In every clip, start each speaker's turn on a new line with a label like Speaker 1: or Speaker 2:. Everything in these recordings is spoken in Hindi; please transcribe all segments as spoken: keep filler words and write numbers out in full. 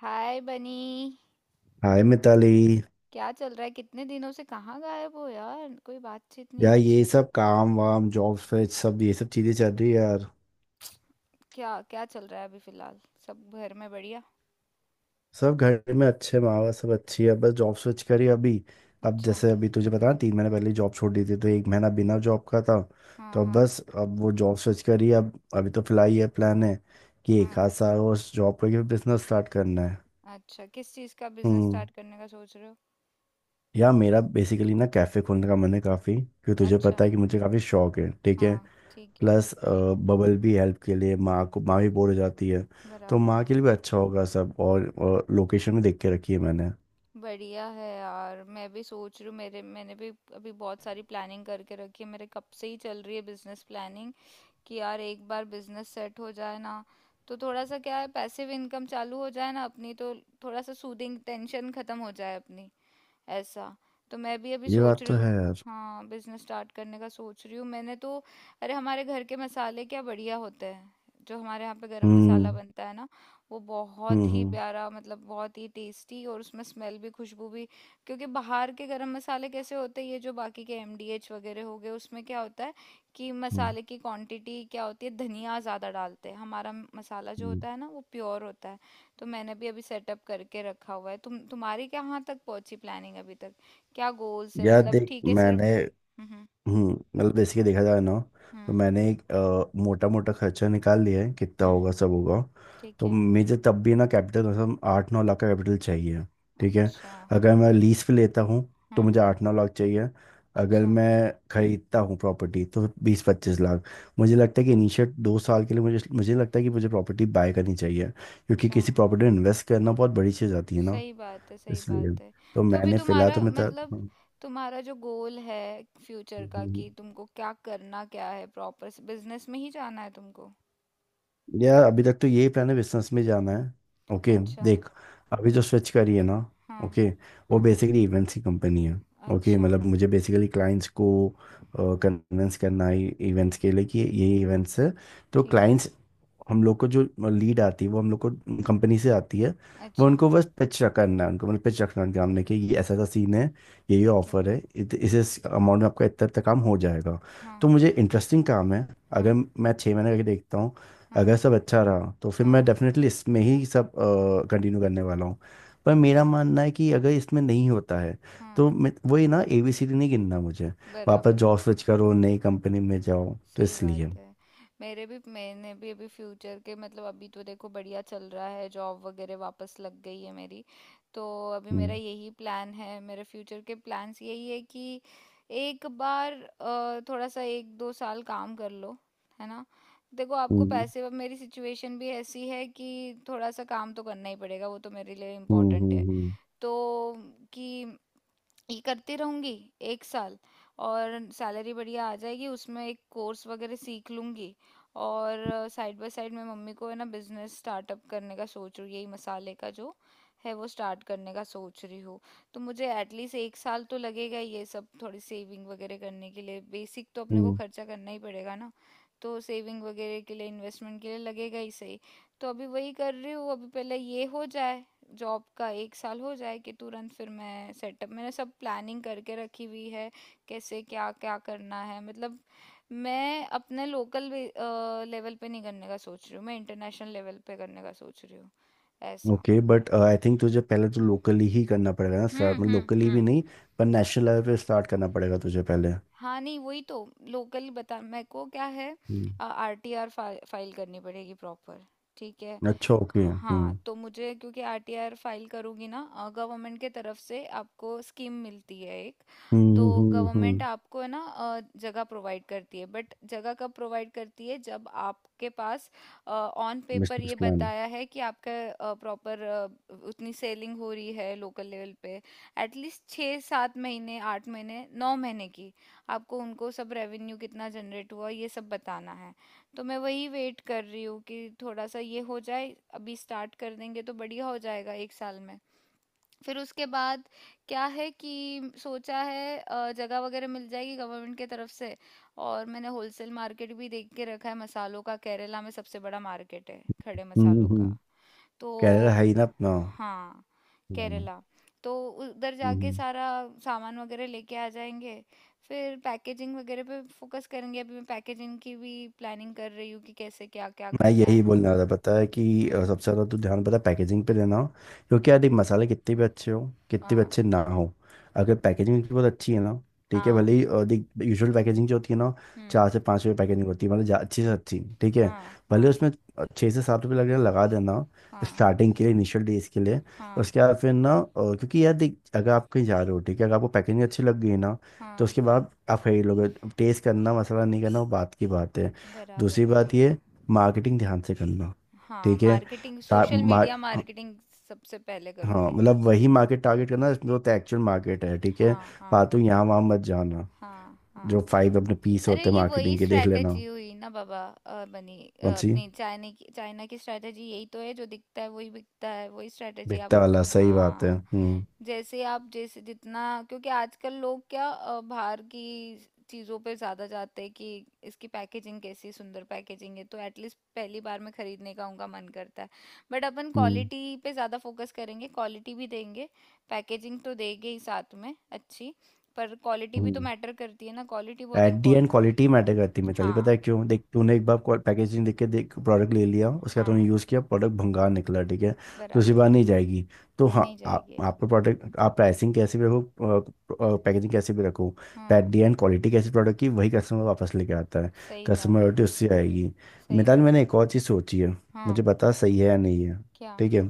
Speaker 1: हाय बनी।
Speaker 2: हाय मिताली।
Speaker 1: क्या चल रहा है? कितने दिनों से कहाँ गायब हो यार? कोई बातचीत नहीं,
Speaker 2: यार
Speaker 1: कुछ
Speaker 2: ये
Speaker 1: नहीं।
Speaker 2: सब काम वाम जॉब स्विच सब ये सब चीज़ें चल रही है यार।
Speaker 1: क्या क्या चल रहा है अभी फिलहाल? सब घर में बढ़िया?
Speaker 2: सब घर में अच्छे माँ बाप सब अच्छी है, बस जॉब स्विच करी अभी। अब
Speaker 1: अच्छा।
Speaker 2: जैसे अभी तुझे पता ना, तीन महीने पहले जॉब छोड़ दी थी तो एक महीना बिना जॉब का था।
Speaker 1: हाँ,
Speaker 2: तो अब
Speaker 1: हाँ,
Speaker 2: बस अब वो जॉब स्विच करी अब। अभी तो फिलहाल ये प्लान है कि एक
Speaker 1: हाँ।
Speaker 2: आध साल और जॉब करके बिजनेस स्टार्ट करना है।
Speaker 1: अच्छा, किस चीज़ का बिजनेस
Speaker 2: हम्म।
Speaker 1: स्टार्ट करने का सोच रहे हो?
Speaker 2: यार मेरा बेसिकली ना कैफ़े खोलने का मन है काफ़ी, क्योंकि तुझे
Speaker 1: अच्छा।
Speaker 2: पता है कि मुझे काफ़ी शौक है, ठीक है।
Speaker 1: हाँ। ठीक है।
Speaker 2: प्लस अ, बबल भी हेल्प के लिए, माँ को माँ भी बोर हो जाती है। तो
Speaker 1: बराबर
Speaker 2: माँ
Speaker 1: है।
Speaker 2: के लिए भी अच्छा होगा सब, और, और लोकेशन भी देख के रखी है मैंने।
Speaker 1: बढ़िया है यार। मैं भी सोच रही हूँ। मेरे मैंने भी अभी बहुत सारी प्लानिंग करके रखी है। मेरे कब से ही चल रही है बिजनेस प्लानिंग कि यार एक बार बिजनेस सेट हो जाए ना, तो थोड़ा सा क्या है, पैसिव इनकम चालू हो जाए ना अपनी तो। थोड़ा सा सूदिंग, टेंशन खत्म हो जाए अपनी, ऐसा। तो मैं भी अभी
Speaker 2: ये
Speaker 1: सोच
Speaker 2: बात
Speaker 1: रही
Speaker 2: तो
Speaker 1: हूँ।
Speaker 2: है यार।
Speaker 1: हाँ, बिजनेस स्टार्ट करने का सोच रही हूँ मैंने तो। अरे हमारे घर के मसाले क्या बढ़िया होते हैं! जो हमारे यहाँ पे गरम मसाला
Speaker 2: हम्म,
Speaker 1: बनता है ना, वो
Speaker 2: हम्म,
Speaker 1: बहुत ही
Speaker 2: हम्म,
Speaker 1: प्यारा, मतलब बहुत ही टेस्टी, और उसमें स्मेल भी, खुशबू भी। क्योंकि बाहर के गरम मसाले कैसे होते हैं, ये जो बाकी के एम डी एच वगैरह हो गए, उसमें क्या होता है कि
Speaker 2: हम्म,
Speaker 1: मसाले की क्वांटिटी क्या होती है, धनिया ज़्यादा डालते हैं। हमारा मसाला जो
Speaker 2: हम्म।
Speaker 1: होता है ना, वो प्योर होता है। तो मैंने भी अभी सेटअप करके रखा हुआ है। तुम तुम्हारी कहाँ तक पहुंची प्लानिंग अभी तक, क्या गोल्स है
Speaker 2: यार
Speaker 1: मतलब?
Speaker 2: देख
Speaker 1: ठीक है। सिर्फ
Speaker 2: मैंने,
Speaker 1: हम्म हम्म,
Speaker 2: हम्म मतलब बेसिकली देखा जाए ना, तो
Speaker 1: हम्म
Speaker 2: मैंने एक मोटा मोटा खर्चा निकाल लिया है, कितना
Speaker 1: हम्म,
Speaker 2: होगा सब होगा।
Speaker 1: ठीक
Speaker 2: तो
Speaker 1: है।
Speaker 2: मुझे तब भी ना कैपिटल, मतलब आठ नौ लाख का कैपिटल चाहिए, ठीक है।
Speaker 1: अच्छा।
Speaker 2: अगर मैं लीज पे लेता हूँ तो
Speaker 1: हम्म।
Speaker 2: मुझे आठ नौ लाख चाहिए। अगर
Speaker 1: अच्छा।
Speaker 2: मैं खरीदता हूँ प्रॉपर्टी तो बीस पच्चीस लाख। मुझे लगता है कि इनिशियल दो साल के लिए मुझे मुझे लगता है कि मुझे प्रॉपर्टी बाय करनी चाहिए, क्योंकि
Speaker 1: अच्छा,
Speaker 2: किसी प्रॉपर्टी में इन्वेस्ट करना बहुत बड़ी चीज़ आती है ना।
Speaker 1: सही बात है, सही
Speaker 2: इसलिए
Speaker 1: बात है।
Speaker 2: तो
Speaker 1: तो अभी
Speaker 2: मैंने फिलहाल,
Speaker 1: तुम्हारा
Speaker 2: तो मैं
Speaker 1: मतलब, तुम्हारा जो गोल है फ्यूचर का,
Speaker 2: तर...
Speaker 1: कि तुमको क्या करना क्या है, प्रॉपर बिजनेस में ही जाना है तुमको?
Speaker 2: यार अभी तक तो यही प्लान है, बिजनेस में जाना है। ओके।
Speaker 1: अच्छा।
Speaker 2: देख अभी जो स्विच करी है ना,
Speaker 1: हाँ,
Speaker 2: ओके, वो
Speaker 1: हाँ।
Speaker 2: बेसिकली इवेंट्स की कंपनी है। ओके,
Speaker 1: अच्छा।
Speaker 2: मतलब मुझे बेसिकली क्लाइंट्स को कन्विंस करना है इवेंट्स के लिए, कि ये इवेंट्स है तो
Speaker 1: ठीक है।
Speaker 2: क्लाइंट्स, हम लोग को जो लीड आती है वो हम लोग को कंपनी से आती है। वो
Speaker 1: अच्छा।
Speaker 2: उनको बस पिच करना है उनको, मतलब पिच रखना है उनके सामने कि ये ऐसा ऐसा सीन है, ये ये
Speaker 1: ठीक है।
Speaker 2: ऑफर है, इत, इस अमाउंट में आपका इतना तक काम हो जाएगा। तो
Speaker 1: हाँ।
Speaker 2: मुझे इंटरेस्टिंग काम है। अगर
Speaker 1: हाँ।
Speaker 2: मैं छः महीने करके देखता हूँ, अगर
Speaker 1: हाँ।
Speaker 2: सब अच्छा रहा तो फिर मैं
Speaker 1: हाँ।
Speaker 2: डेफिनेटली इसमें ही सब कंटिन्यू करने वाला हूँ। पर मेरा
Speaker 1: अच्छा।
Speaker 2: मानना है कि अगर इसमें नहीं होता है
Speaker 1: हाँ,
Speaker 2: तो मैं- वही ना, एबीसीडी नहीं गिनना मुझे, वापस
Speaker 1: बराबर है।
Speaker 2: जॉब स्विच करो, नई कंपनी में जाओ, तो
Speaker 1: सही
Speaker 2: इसलिए।
Speaker 1: बात है। मेरे भी मैंने भी अभी फ्यूचर के मतलब, अभी तो देखो बढ़िया चल रहा है, जॉब वगैरह वापस लग गई है मेरी। तो अभी
Speaker 2: हम्म,
Speaker 1: मेरा यही प्लान है, मेरे फ्यूचर के प्लान्स यही है कि एक बार अ, थोड़ा सा एक दो साल काम कर लो, है ना। देखो आपको
Speaker 2: हम्म,
Speaker 1: पैसे, अब मेरी सिचुएशन भी ऐसी है कि थोड़ा सा काम तो करना ही पड़ेगा, वो तो मेरे लिए
Speaker 2: हम्म,
Speaker 1: इम्पोर्टेंट है।
Speaker 2: हम्म,
Speaker 1: तो कि ये करती रहूँगी एक साल, और सैलरी बढ़िया आ जाएगी उसमें, एक कोर्स वगैरह सीख लूँगी। और साइड बाय साइड मैं मम्मी को, है ना, बिजनेस स्टार्टअप करने का सोच रही हूँ। यही मसाले का जो है वो स्टार्ट करने का सोच रही हूँ। तो मुझे एटलीस्ट एक साल तो लगेगा ये सब, थोड़ी सेविंग वगैरह करने के लिए। बेसिक तो अपने को
Speaker 2: हम्म।
Speaker 1: खर्चा करना ही पड़ेगा ना, तो सेविंग वगैरह के लिए, इन्वेस्टमेंट के लिए लगेगा ही सही। तो अभी वही कर रही हूँ। अभी पहले ये हो जाए, जॉब का एक साल हो जाए, कि तुरंत फिर मैं सेटअप, मैंने सब प्लानिंग करके रखी हुई है, कैसे क्या क्या करना है मतलब। मैं अपने लोकल लेवल पे नहीं करने का सोच रही हूँ, मैं इंटरनेशनल लेवल पे करने का सोच रही हूँ, ऐसा।
Speaker 2: ओके, बट आई थिंक तुझे पहले तो लोकली ही करना पड़ेगा ना,
Speaker 1: हम्म
Speaker 2: स्टार्ट में,
Speaker 1: हम्म
Speaker 2: लोकली भी
Speaker 1: हम्म।
Speaker 2: नहीं पर नेशनल लेवल पे स्टार्ट करना पड़ेगा तुझे पहले।
Speaker 1: हाँ, नहीं, वही तो। लोकल बता, मेरे को क्या है।
Speaker 2: हम्म।
Speaker 1: आर टी आर फाइल करनी पड़ेगी प्रॉपर, ठीक है।
Speaker 2: अच्छा, ओके।
Speaker 1: हाँ,
Speaker 2: हम्म,
Speaker 1: तो मुझे, क्योंकि आर टी आर फाइल करूँगी ना, गवर्नमेंट के तरफ से आपको स्कीम मिलती है एक। तो
Speaker 2: हम्म, हम्म, हम्म।
Speaker 1: गवर्नमेंट आपको, है ना, अ, जगह प्रोवाइड करती है। बट जगह कब प्रोवाइड करती है, जब आपके पास ऑन पेपर ये
Speaker 2: बिजनेस प्लान।
Speaker 1: बताया है कि आपका प्रॉपर उतनी सेलिंग हो रही है लोकल लेवल पे, एटलीस्ट छः सात महीने, आठ महीने, नौ महीने की। आपको उनको सब रेवेन्यू कितना जनरेट हुआ, ये सब बताना है। तो मैं वही वेट कर रही हूँ कि थोड़ा सा ये हो जाए, अभी स्टार्ट कर देंगे तो बढ़िया हो जाएगा, एक साल में। फिर उसके बाद क्या है कि सोचा है अ, जगह वगैरह मिल जाएगी गवर्नमेंट के तरफ से। और मैंने होलसेल मार्केट भी देख के रखा है मसालों का। केरला में सबसे बड़ा मार्केट है खड़े
Speaker 2: हम्म,
Speaker 1: मसालों का।
Speaker 2: हम्म।
Speaker 1: तो
Speaker 2: कैरियर है ही ना अपना।
Speaker 1: हाँ।
Speaker 2: Yeah.
Speaker 1: केरला, तो उधर जाके
Speaker 2: Hmm.
Speaker 1: सारा सामान वगैरह लेके आ जाएंगे। फिर पैकेजिंग वगैरह पे फोकस करेंगे। अभी मैं पैकेजिंग की भी प्लानिंग कर रही हूँ कि कैसे क्या क्या
Speaker 2: मैं
Speaker 1: करना
Speaker 2: यही
Speaker 1: है।
Speaker 2: बोलने वाला था, पता है कि अ,
Speaker 1: हम्म।
Speaker 2: सबसे ज़्यादा तो ध्यान पता है पैकेजिंग पे देना हो, क्योंकि यार देख मसाले कितने भी अच्छे हो, कितने भी
Speaker 1: हाँ,
Speaker 2: अच्छे ना हो, अगर पैकेजिंग उनकी बहुत अच्छी है ना, ठीक है। भले
Speaker 1: हाँ।
Speaker 2: ही अ, देख, यूजुअल पैकेजिंग जो होती है ना,
Speaker 1: हम्म।
Speaker 2: चार से पाँच रुपये पैकेजिंग होती है, मतलब जा- अच्छी से अच्छी, ठीक है।
Speaker 1: हाँ,
Speaker 2: भले
Speaker 1: हाँ,
Speaker 2: उसमें अ, छः से सात रुपये लगे लगा देना,
Speaker 1: हाँ,
Speaker 2: स्टार्टिंग के लिए, इनिशियल डेज के लिए।
Speaker 1: हाँ,
Speaker 2: उसके बाद फिर ना, अ, क्योंकि यार देख अगर आप कहीं जा रहे हो, ठीक है, अगर आपको पैकेजिंग अच्छी लग गई ना, तो
Speaker 1: हाँ,
Speaker 2: उसके बाद आप खरीद लोगे। टेस्ट करना, मसाला नहीं करना, वो बात की बात है।
Speaker 1: बराबर
Speaker 2: दूसरी
Speaker 1: है।
Speaker 2: बात ये, मार्केटिंग ध्यान से करना,
Speaker 1: हाँ
Speaker 2: ठीक है।
Speaker 1: मार्केटिंग,
Speaker 2: ता,
Speaker 1: सोशल
Speaker 2: मा,
Speaker 1: मीडिया मार्केटिंग सबसे पहले
Speaker 2: हाँ,
Speaker 1: करूँगी।
Speaker 2: मतलब वही मार्केट टारगेट करना जो तो एक्चुअल मार्केट है, ठीक है।
Speaker 1: हाँ, हाँ,
Speaker 2: फालतू यहाँ वहाँ मत जाना।
Speaker 1: हाँ,
Speaker 2: जो
Speaker 1: हाँ।
Speaker 2: फाइव अपने पीस
Speaker 1: अरे
Speaker 2: होते हैं
Speaker 1: ये वही
Speaker 2: मार्केटिंग के, देख लेना।
Speaker 1: स्ट्रैटेजी हुई ना बाबा, अ, बनी, अ,
Speaker 2: कौन सी?
Speaker 1: अपनी चाइना की, चाइना की स्ट्रैटेजी यही तो है, जो दिखता है वही बिकता है, वही स्ट्रैटेजी आप।
Speaker 2: बिकता वाला, सही बात
Speaker 1: हाँ,
Speaker 2: है। हम्म,
Speaker 1: जैसे आप, जैसे जितना, क्योंकि आजकल लोग क्या, अ, बाहर की चीज़ों पे ज़्यादा जाते हैं कि इसकी पैकेजिंग कैसी, सुंदर पैकेजिंग है तो एटलीस्ट पहली बार में खरीदने का उनका मन करता है। बट अपन
Speaker 2: हम्म,
Speaker 1: क्वालिटी पे ज़्यादा फोकस करेंगे, क्वालिटी भी देंगे, पैकेजिंग तो देंगे ही साथ में अच्छी, पर क्वालिटी भी तो
Speaker 2: हम्म।
Speaker 1: मैटर करती है ना, क्वालिटी बहुत
Speaker 2: एट दी एंड
Speaker 1: इम्पोर्टेंट है।
Speaker 2: क्वालिटी मैटर करती है मिताली, पता
Speaker 1: हाँ,
Speaker 2: है क्यों? देख, तूने एक बार पैकेजिंग देख के देख प्रोडक्ट ले लिया, उसके बाद तूने
Speaker 1: हाँ,
Speaker 2: यूज़ किया, प्रोडक्ट भंगार निकला, ठीक है, दूसरी
Speaker 1: बराबर
Speaker 2: बार
Speaker 1: है।
Speaker 2: नहीं जाएगी। तो हाँ,
Speaker 1: नहीं
Speaker 2: आप
Speaker 1: जाएगी।
Speaker 2: आपका प्रोडक्ट, आप प्राइसिंग कैसे भी रखो, पैकेजिंग कैसे भी रखो, एट
Speaker 1: हाँ,
Speaker 2: दी एंड क्वालिटी कैसी प्रोडक्ट की, वही कस्टमर वापस लेके आता है।
Speaker 1: सही बात है,
Speaker 2: कस्टमर उससे आएगी।
Speaker 1: सही
Speaker 2: मिताली
Speaker 1: बात
Speaker 2: मैंने
Speaker 1: है।
Speaker 2: एक और चीज़ सोची है,
Speaker 1: हाँ।
Speaker 2: मुझे पता सही है या नहीं है,
Speaker 1: क्या?
Speaker 2: ठीक है।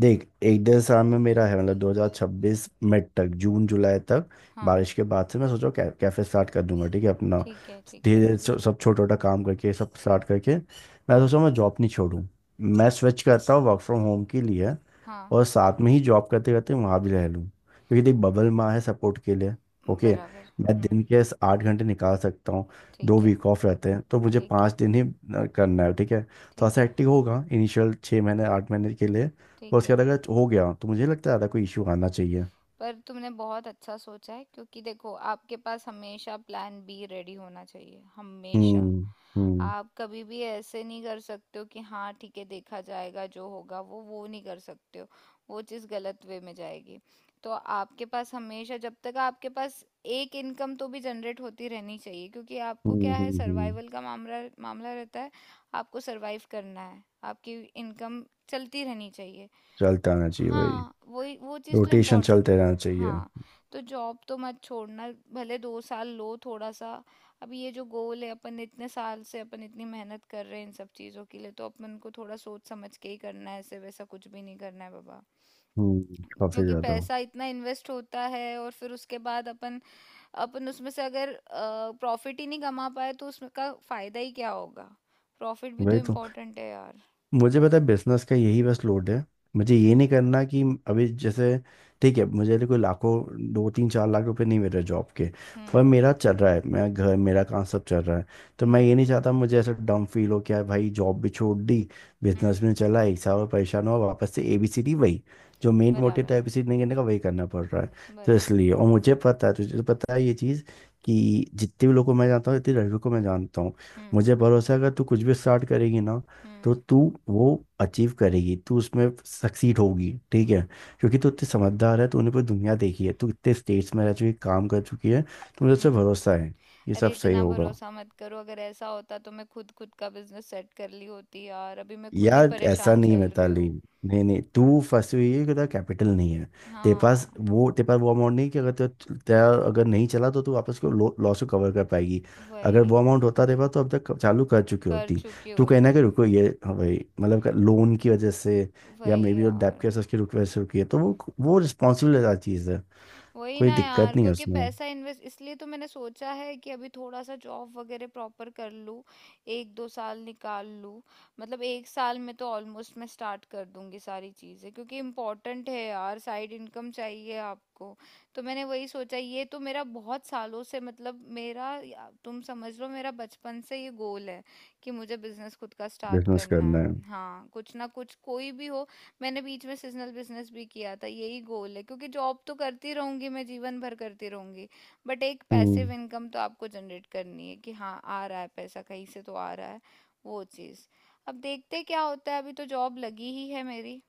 Speaker 2: देख, एक डेढ़ साल में मेरा है, मतलब दो हज़ार छब्बीस मिड तक, जून जुलाई तक,
Speaker 1: हाँ।
Speaker 2: बारिश के बाद से मैं सोचा कै, कैफे स्टार्ट कर दूंगा, ठीक है, अपना।
Speaker 1: ठीक है, ठीक
Speaker 2: धीरे
Speaker 1: है।
Speaker 2: धीरे सब सब छोटा छोटा काम करके सब स्टार्ट करके, मैं
Speaker 1: हाँ।
Speaker 2: सोचा मैं जॉब नहीं छोड़ूं, मैं स्विच करता हूँ वर्क फ्रॉम होम के लिए,
Speaker 1: हाँ,
Speaker 2: और साथ में ही जॉब करते करते वहाँ भी रह लूँ, क्योंकि देख बबल माँ है सपोर्ट के लिए। ओके।
Speaker 1: बराबर।
Speaker 2: मैं
Speaker 1: हम्म,
Speaker 2: दिन के इस आठ घंटे निकाल सकता हूँ, दो
Speaker 1: ठीक है,
Speaker 2: वीक ऑफ रहते हैं तो मुझे
Speaker 1: ठीक
Speaker 2: पाँच
Speaker 1: है,
Speaker 2: दिन ही अ, करना है, ठीक है, थोड़ा
Speaker 1: ठीक
Speaker 2: सा
Speaker 1: है,
Speaker 2: एक्टिव होगा इनिशियल छः महीने आठ महीने के लिए। और
Speaker 1: ठीक
Speaker 2: उसके
Speaker 1: है।
Speaker 2: बाद अगर हो गया तो मुझे लगता है ज़्यादा कोई इशू आना चाहिए।
Speaker 1: पर तुमने बहुत अच्छा सोचा है, क्योंकि देखो आपके पास हमेशा प्लान बी रेडी होना चाहिए हमेशा।
Speaker 2: हम्म, हम्म।
Speaker 1: आप कभी भी ऐसे नहीं कर सकते हो कि हाँ ठीक है देखा जाएगा, जो होगा वो वो नहीं कर सकते हो, वो चीज़ गलत वे में जाएगी। तो आपके पास हमेशा, जब तक आपके पास एक इनकम तो भी जनरेट होती रहनी चाहिए, क्योंकि आपको
Speaker 2: हम्म,
Speaker 1: क्या है,
Speaker 2: हम्म, हम्म।
Speaker 1: सर्वाइवल का मामला मामला रहता है। आपको सरवाइव करना है, आपकी इनकम चलती रहनी चाहिए।
Speaker 2: चलता रहना चाहिए भाई।
Speaker 1: हाँ, वही, वो चीज़ तो
Speaker 2: रोटेशन
Speaker 1: इम्पोर्टेंट है।
Speaker 2: चलते रहना चाहिए।
Speaker 1: हाँ। तो जॉब तो मत छोड़ना, भले दो साल लो थोड़ा सा। अब ये जो गोल है, अपन इतने साल से अपन इतनी मेहनत कर रहे हैं इन सब चीज़ों के लिए, तो अपन को थोड़ा सोच समझ के ही करना है, ऐसे वैसा कुछ भी नहीं करना है बाबा।
Speaker 2: हम्म, काफी
Speaker 1: क्योंकि
Speaker 2: ज्यादा।
Speaker 1: पैसा इतना इन्वेस्ट होता है, और फिर उसके बाद अपन, अपन उसमें से अगर प्रॉफिट ही नहीं कमा पाए तो उसमें का फायदा ही क्या होगा? प्रॉफिट भी तो
Speaker 2: वही तो,
Speaker 1: इम्पोर्टेंट है यार।
Speaker 2: मुझे पता है, बिजनेस का यही बस लोड है। मुझे ये
Speaker 1: हम्म,
Speaker 2: नहीं करना कि अभी जैसे, ठीक है, मुझे अभी कोई लाखों दो तीन चार लाख रुपए नहीं मिल रहे जॉब के,
Speaker 1: हम्म,
Speaker 2: पर मेरा चल रहा है, मेरा घर मेरा काम सब चल रहा है। तो मैं
Speaker 1: हम्म,
Speaker 2: ये नहीं चाहता मुझे ऐसा डम फील हो क्या भाई, जॉब भी छोड़ दी,
Speaker 1: हम्म,
Speaker 2: बिजनेस भी नहीं चला, एक साल और परेशान हुआ, वापस से एबीसीडी, वही जो मेन मोटिव
Speaker 1: बराबर
Speaker 2: था
Speaker 1: है,
Speaker 2: एबीसीडी नहीं करने का, वही करना पड़ रहा है। तो
Speaker 1: बराबर।
Speaker 2: इसलिए, और मुझे पता है, तुझे तो पता है ये चीज़, कि जितने भी लोगों को मैं जानता हूँ, इतने लड़कों को मैं जानता हूँ,
Speaker 1: हुँ,
Speaker 2: मुझे भरोसा है अगर तू कुछ भी स्टार्ट करेगी ना, तो
Speaker 1: हुँ,
Speaker 2: तू वो अचीव करेगी, तू उसमें सक्सीड होगी, ठीक है। क्योंकि तू इतनी समझदार है, तूने पूरी दुनिया देखी है, तू इतने स्टेट्स में रह चुकी, काम कर चुकी है, तो मुझे उससे
Speaker 1: हुँ।
Speaker 2: भरोसा है ये
Speaker 1: अरे
Speaker 2: सब सही
Speaker 1: इतना
Speaker 2: होगा।
Speaker 1: भरोसा मत करो। अगर ऐसा होता तो मैं खुद खुद का बिजनेस सेट कर ली होती यार। अभी मैं खुद ही
Speaker 2: यार ऐसा
Speaker 1: परेशान
Speaker 2: नहीं है
Speaker 1: चल रही
Speaker 2: मिताली।
Speaker 1: हूँ।
Speaker 2: नहीं नहीं, तू फंसी हुई है कि तेरा कैपिटल नहीं है, तेरे पास
Speaker 1: हाँ,
Speaker 2: वो तेरे पास वो अमाउंट नहीं, कि अगर तेरा तेरा अगर नहीं चला तो तू वापस को, लॉस को कवर कर पाएगी। अगर वो
Speaker 1: वही,
Speaker 2: अमाउंट होता तेरे पास तो अब तक चालू कर चुकी
Speaker 1: कर
Speaker 2: होती।
Speaker 1: चुकी
Speaker 2: तू कहना
Speaker 1: होती,
Speaker 2: कि रुको ये, हाँ भाई, मतलब लोन की वजह से, या
Speaker 1: वही
Speaker 2: मे बी जो डेब्ट
Speaker 1: यार,
Speaker 2: केस, उसकी रुक- वजह से रुकी है, तो वो वो रिस्पॉन्सिबल चीज़ है,
Speaker 1: वही
Speaker 2: कोई
Speaker 1: ना
Speaker 2: दिक्कत
Speaker 1: यार,
Speaker 2: नहीं है
Speaker 1: क्योंकि
Speaker 2: उसमें।
Speaker 1: पैसा इन्वेस्ट, इसलिए तो मैंने सोचा है कि अभी थोड़ा सा जॉब वगैरह प्रॉपर कर लूँ, एक दो साल निकाल लूँ। मतलब एक साल में तो ऑलमोस्ट मैं स्टार्ट कर दूंगी सारी चीज़ें, क्योंकि इम्पोर्टेंट है यार, साइड इनकम चाहिए आपको। तो मैंने वही सोचा, ये तो मेरा बहुत सालों से, मतलब मेरा, या- तुम समझ लो मेरा बचपन से ये गोल है कि मुझे बिजनेस खुद का स्टार्ट
Speaker 2: बिजनेस
Speaker 1: करना
Speaker 2: करना है।
Speaker 1: है, हाँ, कुछ ना कुछ, कोई भी हो। मैंने बीच में सीजनल बिजनेस भी किया था, यही गोल है, क्योंकि जॉब तो करती रहूंगी, मैं जीवन भर करती रहूंगी। बट एक पैसिव
Speaker 2: हम्म।
Speaker 1: इनकम तो आपको जनरेट करनी है, कि हाँ आ रहा है पैसा कहीं से तो आ रहा है। वो चीज़। अब देखते हैं क्या होता है, अभी तो जॉब लगी ही है मेरी,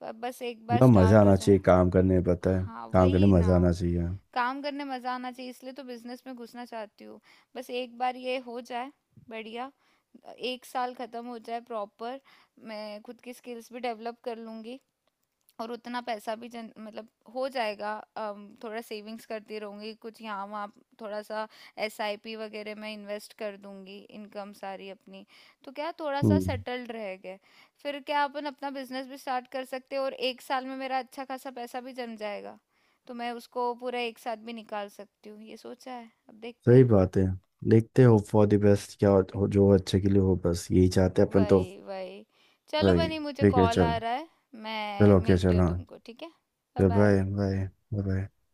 Speaker 1: पर बस एक बार
Speaker 2: यार मज़ा
Speaker 1: स्टार्ट हो
Speaker 2: आना
Speaker 1: जाए।
Speaker 2: चाहिए काम करने में, पता है,
Speaker 1: हाँ,
Speaker 2: काम करने
Speaker 1: वही
Speaker 2: में
Speaker 1: ना,
Speaker 2: मज़ा आना चाहिए।
Speaker 1: काम करने मजा आना चाहिए, इसलिए तो बिजनेस में घुसना चाहती हूँ। बस एक बार ये हो जाए, बढ़िया, एक साल खत्म हो जाए प्रॉपर। मैं खुद की स्किल्स भी डेवलप कर लूंगी, और उतना पैसा भी जन मतलब हो जाएगा। अम, थोड़ा सेविंग्स करती रहूंगी कुछ यहाँ वहाँ, थोड़ा सा एस आई पी वगैरह में इन्वेस्ट कर दूंगी इनकम सारी अपनी। तो क्या, थोड़ा सा
Speaker 2: हम्म,
Speaker 1: सेटल्ड रह गए, फिर क्या अपन अपना बिजनेस भी स्टार्ट कर सकते हैं, और एक साल में मेरा अच्छा खासा पैसा भी जम जाएगा, तो मैं उसको पूरा एक साथ भी निकाल सकती हूँ। ये सोचा है, अब देखते
Speaker 2: सही
Speaker 1: हैं।
Speaker 2: बात है। देखते हो, फॉर द बेस्ट क्या हो, जो अच्छे के लिए हो, बस यही चाहते हैं अपन तो।
Speaker 1: वही, वही। चलो
Speaker 2: भाई
Speaker 1: बनी, मुझे
Speaker 2: ठीक है,
Speaker 1: कॉल
Speaker 2: चल।
Speaker 1: आ रहा है, मैं
Speaker 2: चलो ओके,
Speaker 1: मिलती
Speaker 2: चल,
Speaker 1: हूँ
Speaker 2: हाँ।
Speaker 1: तुमको, ठीक है। बाय
Speaker 2: चल,
Speaker 1: बाय।
Speaker 2: Bye bye. बाय।